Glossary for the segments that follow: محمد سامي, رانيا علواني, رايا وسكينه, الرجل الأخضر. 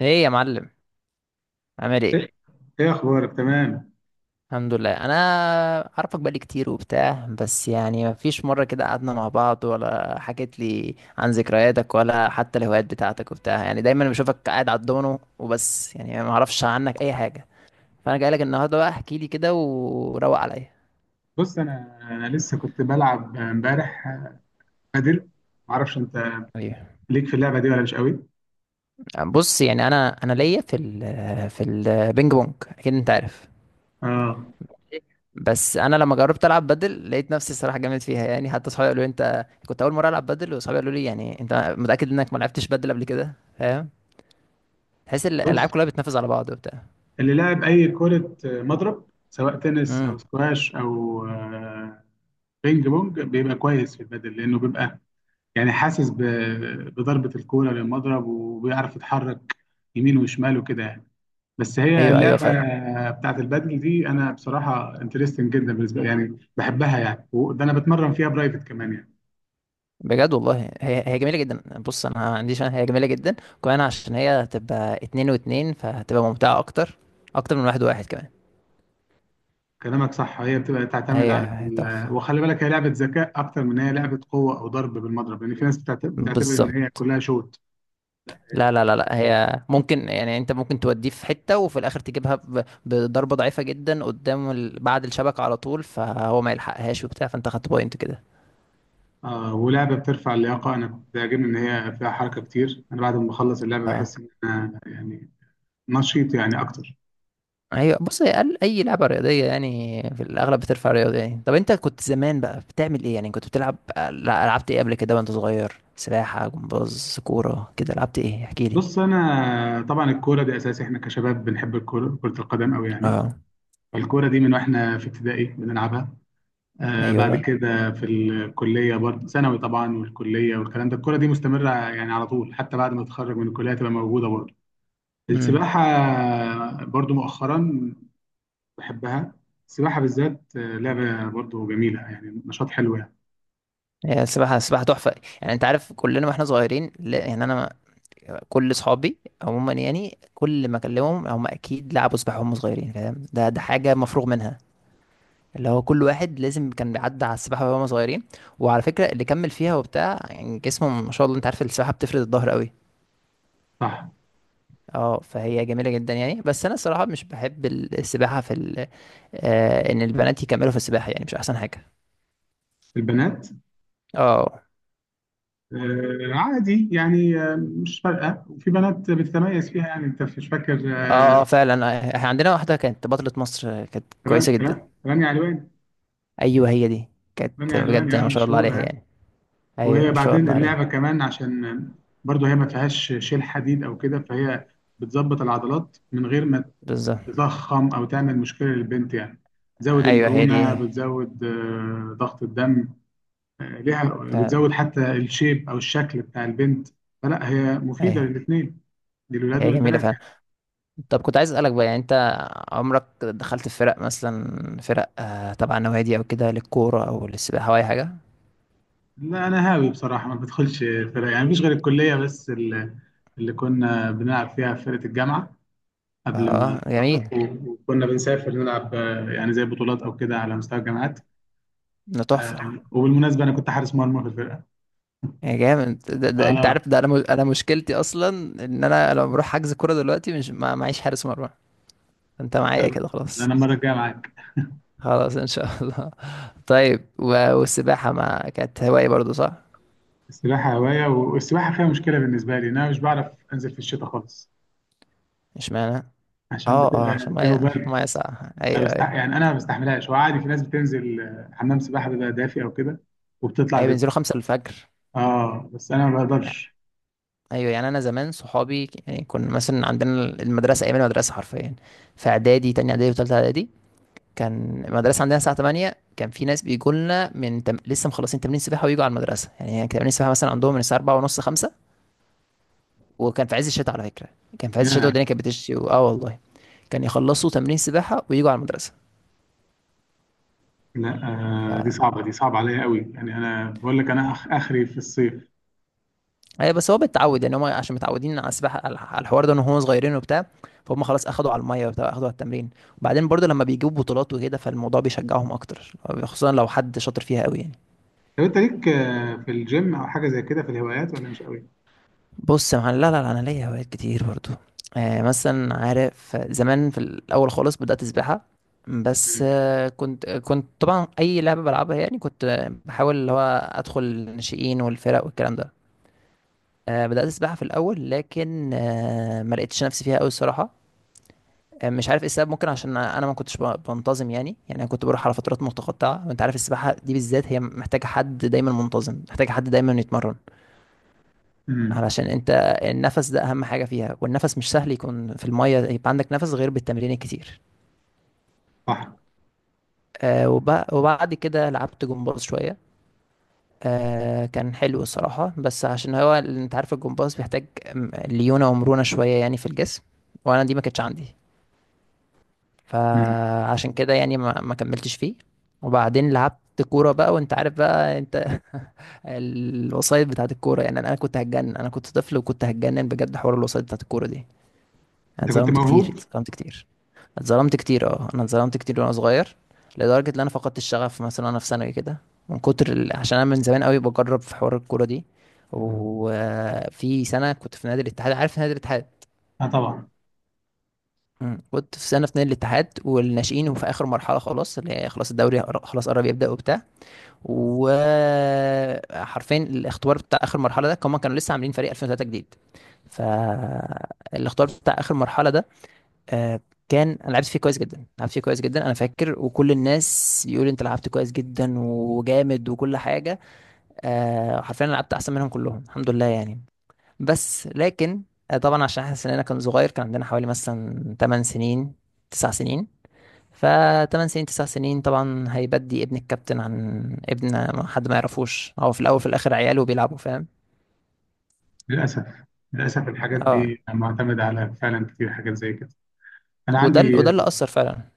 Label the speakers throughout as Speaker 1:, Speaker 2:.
Speaker 1: ايه يا معلم، عامل ايه؟
Speaker 2: ايه ايه اخبارك تمام؟
Speaker 1: الحمد لله. انا عارفك بقالي كتير وبتاع، بس يعني مفيش مره كده قعدنا مع بعض ولا حكيت لي عن ذكرياتك ولا حتى الهوايات بتاعتك وبتاع، يعني دايما بشوفك قاعد على الدومينو وبس، يعني ما اعرفش عنك اي حاجه. فانا جاي لك النهارده بقى، احكي لي كده وروق عليا.
Speaker 2: بص انا لسه كنت بلعب امبارح بادل. معرفش انت
Speaker 1: ايوه،
Speaker 2: ليك في اللعبه دي ولا مش قوي؟
Speaker 1: بص يعني انا ليا في في البينج بونج، اكيد انت عارف.
Speaker 2: اه،
Speaker 1: بس انا لما جربت العب بدل لقيت نفسي الصراحه جامد فيها، يعني حتى صحابي قالوا لي انت كنت اول مره العب بدل، وصحابي قالوا لي يعني انت متاكد انك ما لعبتش بدل قبل كده؟ فاهم؟ تحس
Speaker 2: بص،
Speaker 1: الالعاب كلها بتنافس على بعض وبتاع.
Speaker 2: اللي لعب اي كره مضرب سواء تنس او
Speaker 1: امم
Speaker 2: سكواش او بينج بونج بيبقى كويس في البادل، لانه بيبقى يعني حاسس بضربه الكوره للمضرب، وبيعرف يتحرك يمين وشمال وكده يعني. بس هي
Speaker 1: ايوه ايوه
Speaker 2: اللعبه
Speaker 1: فعلا.
Speaker 2: بتاعت البادل دي انا بصراحه انترستنج جدا بالنسبه لي، يعني بحبها يعني، وده انا بتمرن فيها برايفت كمان يعني.
Speaker 1: بجد والله هي جميله جدا، بص انا ما عنديش، هي جميله جدا كمان عشان هي هتبقى اتنين واتنين فهتبقى ممتعه اكتر، اكتر من واحد وواحد كمان.
Speaker 2: كلامك صح، هي بتبقى تعتمد على
Speaker 1: هي تحفه،
Speaker 2: وخلي بالك هي لعبه ذكاء اكتر من هي لعبه قوه او ضرب بالمضرب، لان في ناس بتعتبر ان
Speaker 1: بالظبط.
Speaker 2: هي كلها شوت. لا
Speaker 1: لا
Speaker 2: هي-
Speaker 1: لا لا لا، هي ممكن، يعني انت ممكن توديه في حتة وفي الاخر تجيبها بضربة ضعيفة جدا قدام بعد الشبكة على طول، فهو ما يلحقهاش وبتاع، فانت خدت بوينت كده.
Speaker 2: آه، ولعبه بترفع اللياقه، انا كنت بيعجبني ان هي فيها حركه كتير. انا بعد ما بخلص اللعبه
Speaker 1: اه،
Speaker 2: بحس ان انا يعني نشيط يعني اكتر.
Speaker 1: ايوه، بص اي لعبة رياضية يعني في الاغلب بترفع رياضة. يعني طب انت كنت زمان بقى بتعمل ايه؟ يعني كنت بتلعب، لا، لعبت ايه قبل كده وانت صغير؟ سباحة، جمباز، كورة كده، لعبت ايه؟ احكي لي.
Speaker 2: بص انا طبعا الكوره دي اساسي، احنا كشباب بنحب الكوره، كره القدم قوي يعني.
Speaker 1: اه،
Speaker 2: الكورة دي من واحنا في ابتدائي بنلعبها. آه، بعد
Speaker 1: ايوه،
Speaker 2: كده في الكلية برضه، ثانوي طبعا والكلية والكلام ده الكورة دي مستمرة يعني على طول، حتى بعد ما تتخرج من الكلية تبقى موجودة برضه.
Speaker 1: امم
Speaker 2: السباحة برضه مؤخرا بحبها. السباحة بالذات لعبة برضه جميلة يعني، نشاط حلو يعني.
Speaker 1: هي السباحة، السباحة تحفة. يعني انت عارف كلنا واحنا صغيرين، لا يعني انا كل صحابي عموما، يعني كل ما اكلمهم هم اكيد لعبوا سباحه وهم صغيرين، فاهم؟ ده حاجه مفروغ منها، اللي هو كل واحد لازم كان بيعدي على السباحه وهم صغيرين. وعلى فكره اللي كمل فيها وبتاع يعني جسمه ما شاء الله، انت عارف السباحه بتفرد الظهر قوي.
Speaker 2: صح.
Speaker 1: اه، فهي جميله جدا يعني، بس انا الصراحه مش بحب السباحه في آه، ان البنات يكملوا في السباحه، يعني مش احسن حاجه.
Speaker 2: البنات؟
Speaker 1: اه
Speaker 2: آه، عادي يعني، آه مش فارقة، وفي بنات بتتميز فيها يعني، انت مش فاكر؟
Speaker 1: اه،
Speaker 2: آه،
Speaker 1: اه فعلا، احنا عندنا واحده كانت بطله مصر، كانت كويسه جدا.
Speaker 2: رانيا علواني.
Speaker 1: ايوه هي دي، كانت
Speaker 2: رانيا علواني
Speaker 1: بجد
Speaker 2: اه
Speaker 1: ما شاء الله عليها
Speaker 2: مشهورة.
Speaker 1: يعني. ايوه
Speaker 2: وهي
Speaker 1: ما شاء
Speaker 2: بعدين
Speaker 1: الله عليها،
Speaker 2: اللعبة كمان عشان برضو هي ما فيهاش شيل حديد أو كده، فهي بتظبط العضلات من غير ما
Speaker 1: بالظبط.
Speaker 2: تضخم أو تعمل مشكلة للبنت يعني. بتزود
Speaker 1: ايوه هي
Speaker 2: المرونة،
Speaker 1: دي،
Speaker 2: بتزود ضغط الدم ليها،
Speaker 1: فعلا.
Speaker 2: بتزود حتى الشيب أو الشكل بتاع البنت. فلا، هي مفيدة
Speaker 1: ايوه
Speaker 2: للاتنين، للولاد
Speaker 1: هي جميله
Speaker 2: وللبنات
Speaker 1: فعلا.
Speaker 2: يعني.
Speaker 1: طب كنت عايز اسالك بقى، يعني انت عمرك دخلت في فرق مثلا، فرق آه تبع نوادي او كده، للكوره او للسباحه او اي حاجه؟
Speaker 2: لا، أنا هاوي بصراحة، ما بدخلش فرق يعني. مفيش غير الكلية بس، اللي كنا بنلعب فيها في فرقة الجامعة قبل ما
Speaker 1: اه
Speaker 2: اتخرج.
Speaker 1: جميل،
Speaker 2: وكنا بنسافر نلعب يعني زي بطولات او كده على مستوى الجامعات.
Speaker 1: ده
Speaker 2: آه،
Speaker 1: تحفه.
Speaker 2: وبالمناسبه انا كنت حارس مرمى في الفرقه.
Speaker 1: يا جامد ده, ده انت
Speaker 2: اه.
Speaker 1: عارف، ده انا مش- انا مشكلتي اصلا ان انا لما بروح حجز كوره دلوقتي مش، ما معيش حارس مرمى. انت معايا
Speaker 2: تمام.
Speaker 1: كده خلاص،
Speaker 2: انا المره الجايه معاك.
Speaker 1: خلاص ان شاء الله. طيب والسباحه ما كانت هوايه برضو صح؟
Speaker 2: السباحه هوايه، والسباحه فيها مشكله بالنسبه لي إن انا مش بعرف انزل في الشتاء خالص،
Speaker 1: مش معنى،
Speaker 2: عشان
Speaker 1: اه اه
Speaker 2: بتبقى
Speaker 1: عشان ميه،
Speaker 2: الجو
Speaker 1: عشان
Speaker 2: برد.
Speaker 1: ميه ساقعه،
Speaker 2: انا
Speaker 1: ايوه ايوه.
Speaker 2: يعني انا ما بستحملهاش. وعادي في ناس بتنزل، حمام سباحه بيبقى دافي او كده وبتطلع
Speaker 1: اي
Speaker 2: بيبقى.
Speaker 1: بينزلوا خمسة الفجر
Speaker 2: اه بس انا ما
Speaker 1: يعني.
Speaker 2: بقدرش.
Speaker 1: ايوه يعني انا زمان صحابي يعني كنا مثلا عندنا المدرسه، ايام المدرسه حرفيا في اعدادي، تاني اعدادي وتالتة اعدادي، كان المدرسه عندنا الساعه 8، كان في ناس بيجوا لنا من لسه مخلصين تمرين سباحه ويجوا على المدرسه، يعني كان تمرين سباحه مثلا عندهم من الساعه 4 ونص 5، وكان في عز الشتاء على فكره. كان في عز الشتاء
Speaker 2: لا،
Speaker 1: والدنيا كانت بتشتي اه والله. كان يخلصوا تمرين سباحه ويجوا على المدرسه.
Speaker 2: لا، آه دي صعبه، دي صعبه عليا قوي يعني. انا بقول لك انا اخري في الصيف.
Speaker 1: اي بس هو بيتعود يعني، هم عشان متعودين على السباحه، على على الحوار ده، ان هم صغيرين وبتاع، فهم خلاص اخدوا على الميه وبتاع، اخدوا على التمرين. وبعدين برضو لما بيجيبوا بطولات وكده، فالموضوع بيشجعهم اكتر، خصوصا لو حد شاطر فيها قوي يعني.
Speaker 2: طب انت ليك في الجيم او حاجه زي كده في الهوايات، ولا مش قوي؟
Speaker 1: بص يا معلم، لا لا لا، انا ليا هوايات كتير برضو. آه مثلا عارف، زمان في الاول خالص بدات سباحه، بس
Speaker 2: مم.
Speaker 1: كنت، كنت طبعا اي لعبه بلعبها، يعني كنت، بحاول اللي هو ادخل الناشئين والفرق والكلام ده. بدات سباحه في الاول لكن ما لقيتش نفسي فيها قوي الصراحه، مش عارف ايه السبب. ممكن عشان انا ما كنتش بنتظم، يعني انا كنت بروح على فترات متقطعه، وانت عارف السباحه دي بالذات هي محتاجه حد دايما منتظم، محتاجه حد دايما يتمرن،
Speaker 2: مم.
Speaker 1: علشان انت النفس ده اهم حاجه فيها، والنفس مش سهل يكون في الميه يبقى عندك نفس غير بالتمرين الكتير.
Speaker 2: صح.
Speaker 1: وبعد كده لعبت جمباز شويه، آه، كان حلو الصراحه، بس عشان هو انت عارف الجمباز بيحتاج ليونه ومرونه شويه يعني في الجسم، وانا دي ما كانتش عندي،
Speaker 2: مم.
Speaker 1: فعشان كده يعني ما كملتش فيه. وبعدين لعبت كورة بقى، وانت عارف بقى انت الوسايط بتاعت الكورة، يعني انا كنت هتجنن، انا كنت طفل وكنت هتجنن بجد حوار الوسايط بتاعت الكورة دي. أنا
Speaker 2: انت كنت
Speaker 1: اتظلمت كتير،
Speaker 2: موهوب.
Speaker 1: اتظلمت كتير، اتظلمت كتير اه، انا اتظلمت كتير وانا صغير، لدرجة ان انا فقدت الشغف مثلا وانا في ثانوي كده، من كتر عشان انا من زمان قوي بجرب في حوار الكورة دي. وفي سنة كنت في نادي الاتحاد، عارف نادي الاتحاد؟
Speaker 2: اه طبعا.
Speaker 1: مم. كنت في سنه اتنين الاتحاد والناشئين، وفي اخر مرحله خلاص، اللي هي خلاص الدوري خلاص قرب يبدا وبتاع، وحرفيا الاختبار بتاع اخر مرحله ده كمان، كانوا لسه عاملين فريق 2003 جديد. فالاختبار بتاع اخر مرحله ده، آه، كان انا لعبت فيه كويس جدا، لعبت فيه كويس جدا انا فاكر، وكل الناس يقول انت لعبت كويس جدا وجامد وكل حاجه. آه، حرفيا أنا لعبت احسن منهم كلهم الحمد لله يعني. بس لكن، آه، طبعا عشان احنا سننا كان صغير، كان عندنا حوالي مثلا 8 سنين 9 سنين، ف 8 سنين 9 سنين، طبعا هيبدي ابن الكابتن عن ابن، ما حد ما يعرفوش هو، في الاول في الاخر عياله بيلعبوا، فاهم؟
Speaker 2: للاسف، للاسف الحاجات
Speaker 1: اه.
Speaker 2: دي معتمده على فعلا كتير حاجات زي كده. انا عندي.
Speaker 1: وده اللي اثر فعلا،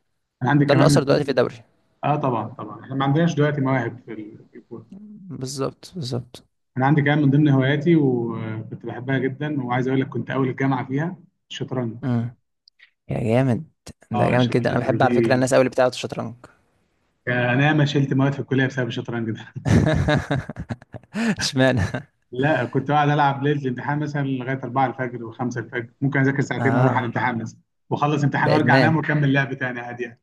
Speaker 2: انا عندي
Speaker 1: وده اللي
Speaker 2: كمان من
Speaker 1: اثر دلوقتي في
Speaker 2: ضمن.
Speaker 1: الدوري.
Speaker 2: اه طبعا طبعا، احنا ما عندناش دلوقتي مواهب في الكوره.
Speaker 1: بالظبط بالظبط.
Speaker 2: انا عندي كمان من ضمن هواياتي، وكنت بحبها جدا، وعايز اقول لك كنت اول الجامعه فيها: الشطرنج.
Speaker 1: امم يا جامد، ده
Speaker 2: اه
Speaker 1: جامد جدا. انا
Speaker 2: الشطرنج
Speaker 1: بحب
Speaker 2: دي،
Speaker 1: على فكره الناس قوي اللي بتلعب الشطرنج.
Speaker 2: انا ما شلت مواد في الكليه بسبب الشطرنج ده.
Speaker 1: اشمعنى؟
Speaker 2: لا، كنت قاعد العب ليله الامتحان مثلا لغايه 4 الفجر و5 الفجر، ممكن اذاكر ساعتين واروح على
Speaker 1: اه.
Speaker 2: الامتحان مثلا، واخلص امتحان
Speaker 1: ده
Speaker 2: وارجع انام
Speaker 1: ادمان،
Speaker 2: واكمل لعب تاني عادي يعني.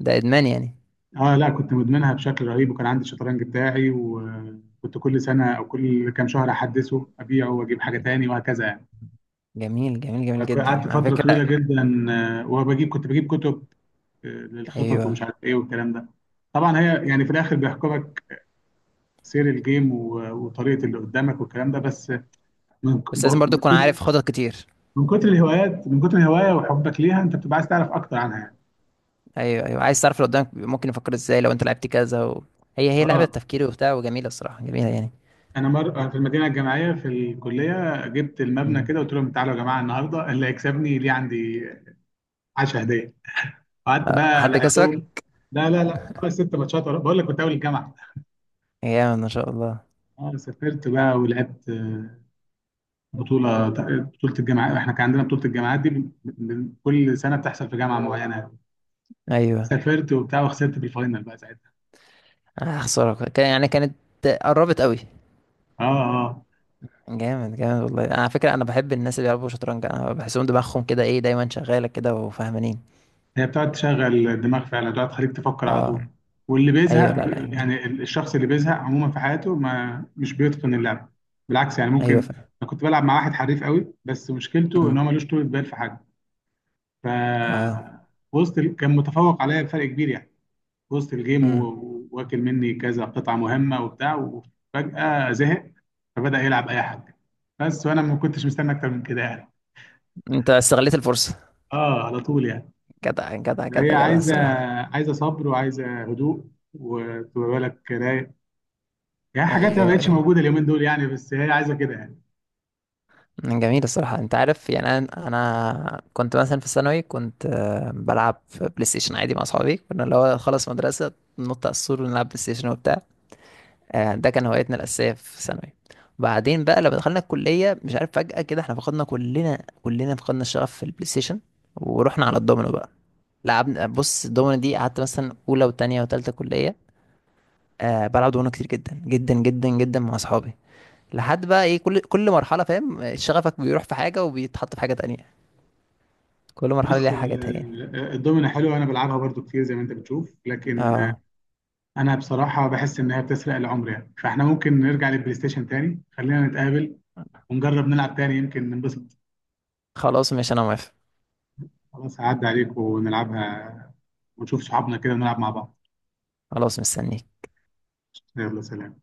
Speaker 1: ده ادمان يعني.
Speaker 2: اه لا، كنت مدمنها بشكل رهيب، وكان عندي الشطرنج بتاعي، وكنت كل سنه او كل كام شهر احدثه، ابيعه واجيب حاجه تاني وهكذا يعني.
Speaker 1: جميل جميل جميل جدا
Speaker 2: قعدت
Speaker 1: على
Speaker 2: فتره طويله
Speaker 1: فكرة.
Speaker 2: جدا، وبجيب، كنت بجيب كتب للخطط ومش
Speaker 1: ايوه،
Speaker 2: عارف ايه والكلام ده. طبعا هي يعني في الاخر بيحكمك سير الجيم، وطريقه اللي قدامك والكلام ده. بس من
Speaker 1: بس لازم برضو تكون عارف خطط كتير.
Speaker 2: من كتر الهوايات، من كتر الهوايه وحبك ليها، انت بتبقى عايز تعرف اكتر عنها يعني.
Speaker 1: ايوه ايوه، عايز تعرف اللي قدامك ممكن يفكر ازاي لو انت لعبت كذا هي لعبه
Speaker 2: اه.
Speaker 1: تفكيري وبتاع، وجميله الصراحه، جميله يعني.
Speaker 2: انا أنا في المدينه الجامعيه في الكليه جبت المبنى
Speaker 1: مم.
Speaker 2: كده، قلت لهم تعالوا يا جماعه النهارده، اللي هيكسبني ليه عندي 10 هديه. قعدت
Speaker 1: أه،
Speaker 2: بقى
Speaker 1: حد كسبك؟
Speaker 2: لعبتهم. لا لا لا، خمس ست ماتشات بقول لك كنت اول الجامعه.
Speaker 1: جامد ما شاء الله.
Speaker 2: اه، سافرت بقى ولعبت، بطوله، بطوله الجامعات، احنا كان عندنا بطوله الجامعات دي كل سنه بتحصل في جامعه معينه.
Speaker 1: ايوه،
Speaker 2: سافرت وبتاع، وخسرت في الفاينل بقى ساعتها.
Speaker 1: آه، خساره، كان يعني، كانت قربت قوي.
Speaker 2: اه، اه.
Speaker 1: جامد جامد والله، على فكره انا بحب الناس اللي بيلعبوا شطرنج، انا بحسهم دماغهم كده ايه، دايما شغاله كده وفاهمانين.
Speaker 2: هي بتقعد تشغل الدماغ فعلا، بتقعد تخليك تفكر على
Speaker 1: اه،
Speaker 2: طول. واللي
Speaker 1: ايوه، لا لا جميل.
Speaker 2: يعني الشخص اللي بيزهق عموما في حياته، ما مش بيتقن اللعبة. بالعكس يعني،
Speaker 1: ايوه
Speaker 2: ممكن.
Speaker 1: فعلا.
Speaker 2: انا كنت بلعب مع واحد حريف قوي، بس مشكلته ان
Speaker 1: أمم،
Speaker 2: هو ملوش طولة بال في حاجة. ف
Speaker 1: اه.
Speaker 2: كان متفوق عليا بفرق كبير يعني، وسط الجيم،
Speaker 1: امم
Speaker 2: واكل مني كذا قطعة مهمة وبتاع، وفجأة زهق، فبدأ يلعب اي حاجة بس، وانا ما كنتش مستني اكتر من كده يعني.
Speaker 1: انت استغليت الفرصه.
Speaker 2: اه على طول يعني.
Speaker 1: جدع جدع
Speaker 2: هي
Speaker 1: جدع جدع
Speaker 2: عايزه،
Speaker 1: الصراحه.
Speaker 2: عايزه صبر، وعايزه هدوء، وتبقى بالك رايق يعني. حاجات ما
Speaker 1: ايوه
Speaker 2: بقتش
Speaker 1: ايوه.
Speaker 2: موجوده اليومين دول يعني، بس هي عايزه كده يعني.
Speaker 1: جميل الصراحة. انت عارف يعني، انا كنت مثلا في الثانوي كنت، بلعب في بلاي ستيشن عادي مع اصحابي، كنا اللي هو خلص مدرسة ننط على السور ونلعب بلاي ستيشن وبتاع. آه، ده كان هوايتنا الأساسية في الثانوي. بعدين بقى لما دخلنا الكلية، مش عارف فجأة كده احنا فقدنا كلنا، كلنا فقدنا الشغف في البلاي ستيشن ورحنا على الدومينو بقى. لعبنا، بص الدومينو دي قعدت مثلا أولى وتانية وتالتة كلية، بلعب دومينو كتير جدا جدا جدا جدا مع اصحابي. لحد بقى ايه، كل مرحله، فاهم شغفك بيروح في حاجه وبيتحط في حاجه تانية، كل مرحلة
Speaker 2: بص
Speaker 1: ليها حاجاتها يعني.
Speaker 2: الدومينه حلوه، انا بلعبها برضو كتير زي ما انت بتشوف، لكن
Speaker 1: اه،
Speaker 2: انا بصراحه بحس ان هي بتسرق العمر يعني. فاحنا ممكن نرجع للبلاي ستيشن تاني، خلينا نتقابل ونجرب نلعب تاني يمكن ننبسط.
Speaker 1: خلاص ماشي انا موافق.
Speaker 2: خلاص، هعدي عليك ونلعبها، ونشوف صحابنا كده ونلعب مع بعض.
Speaker 1: خلاص مستنيك.
Speaker 2: يلا، سلام.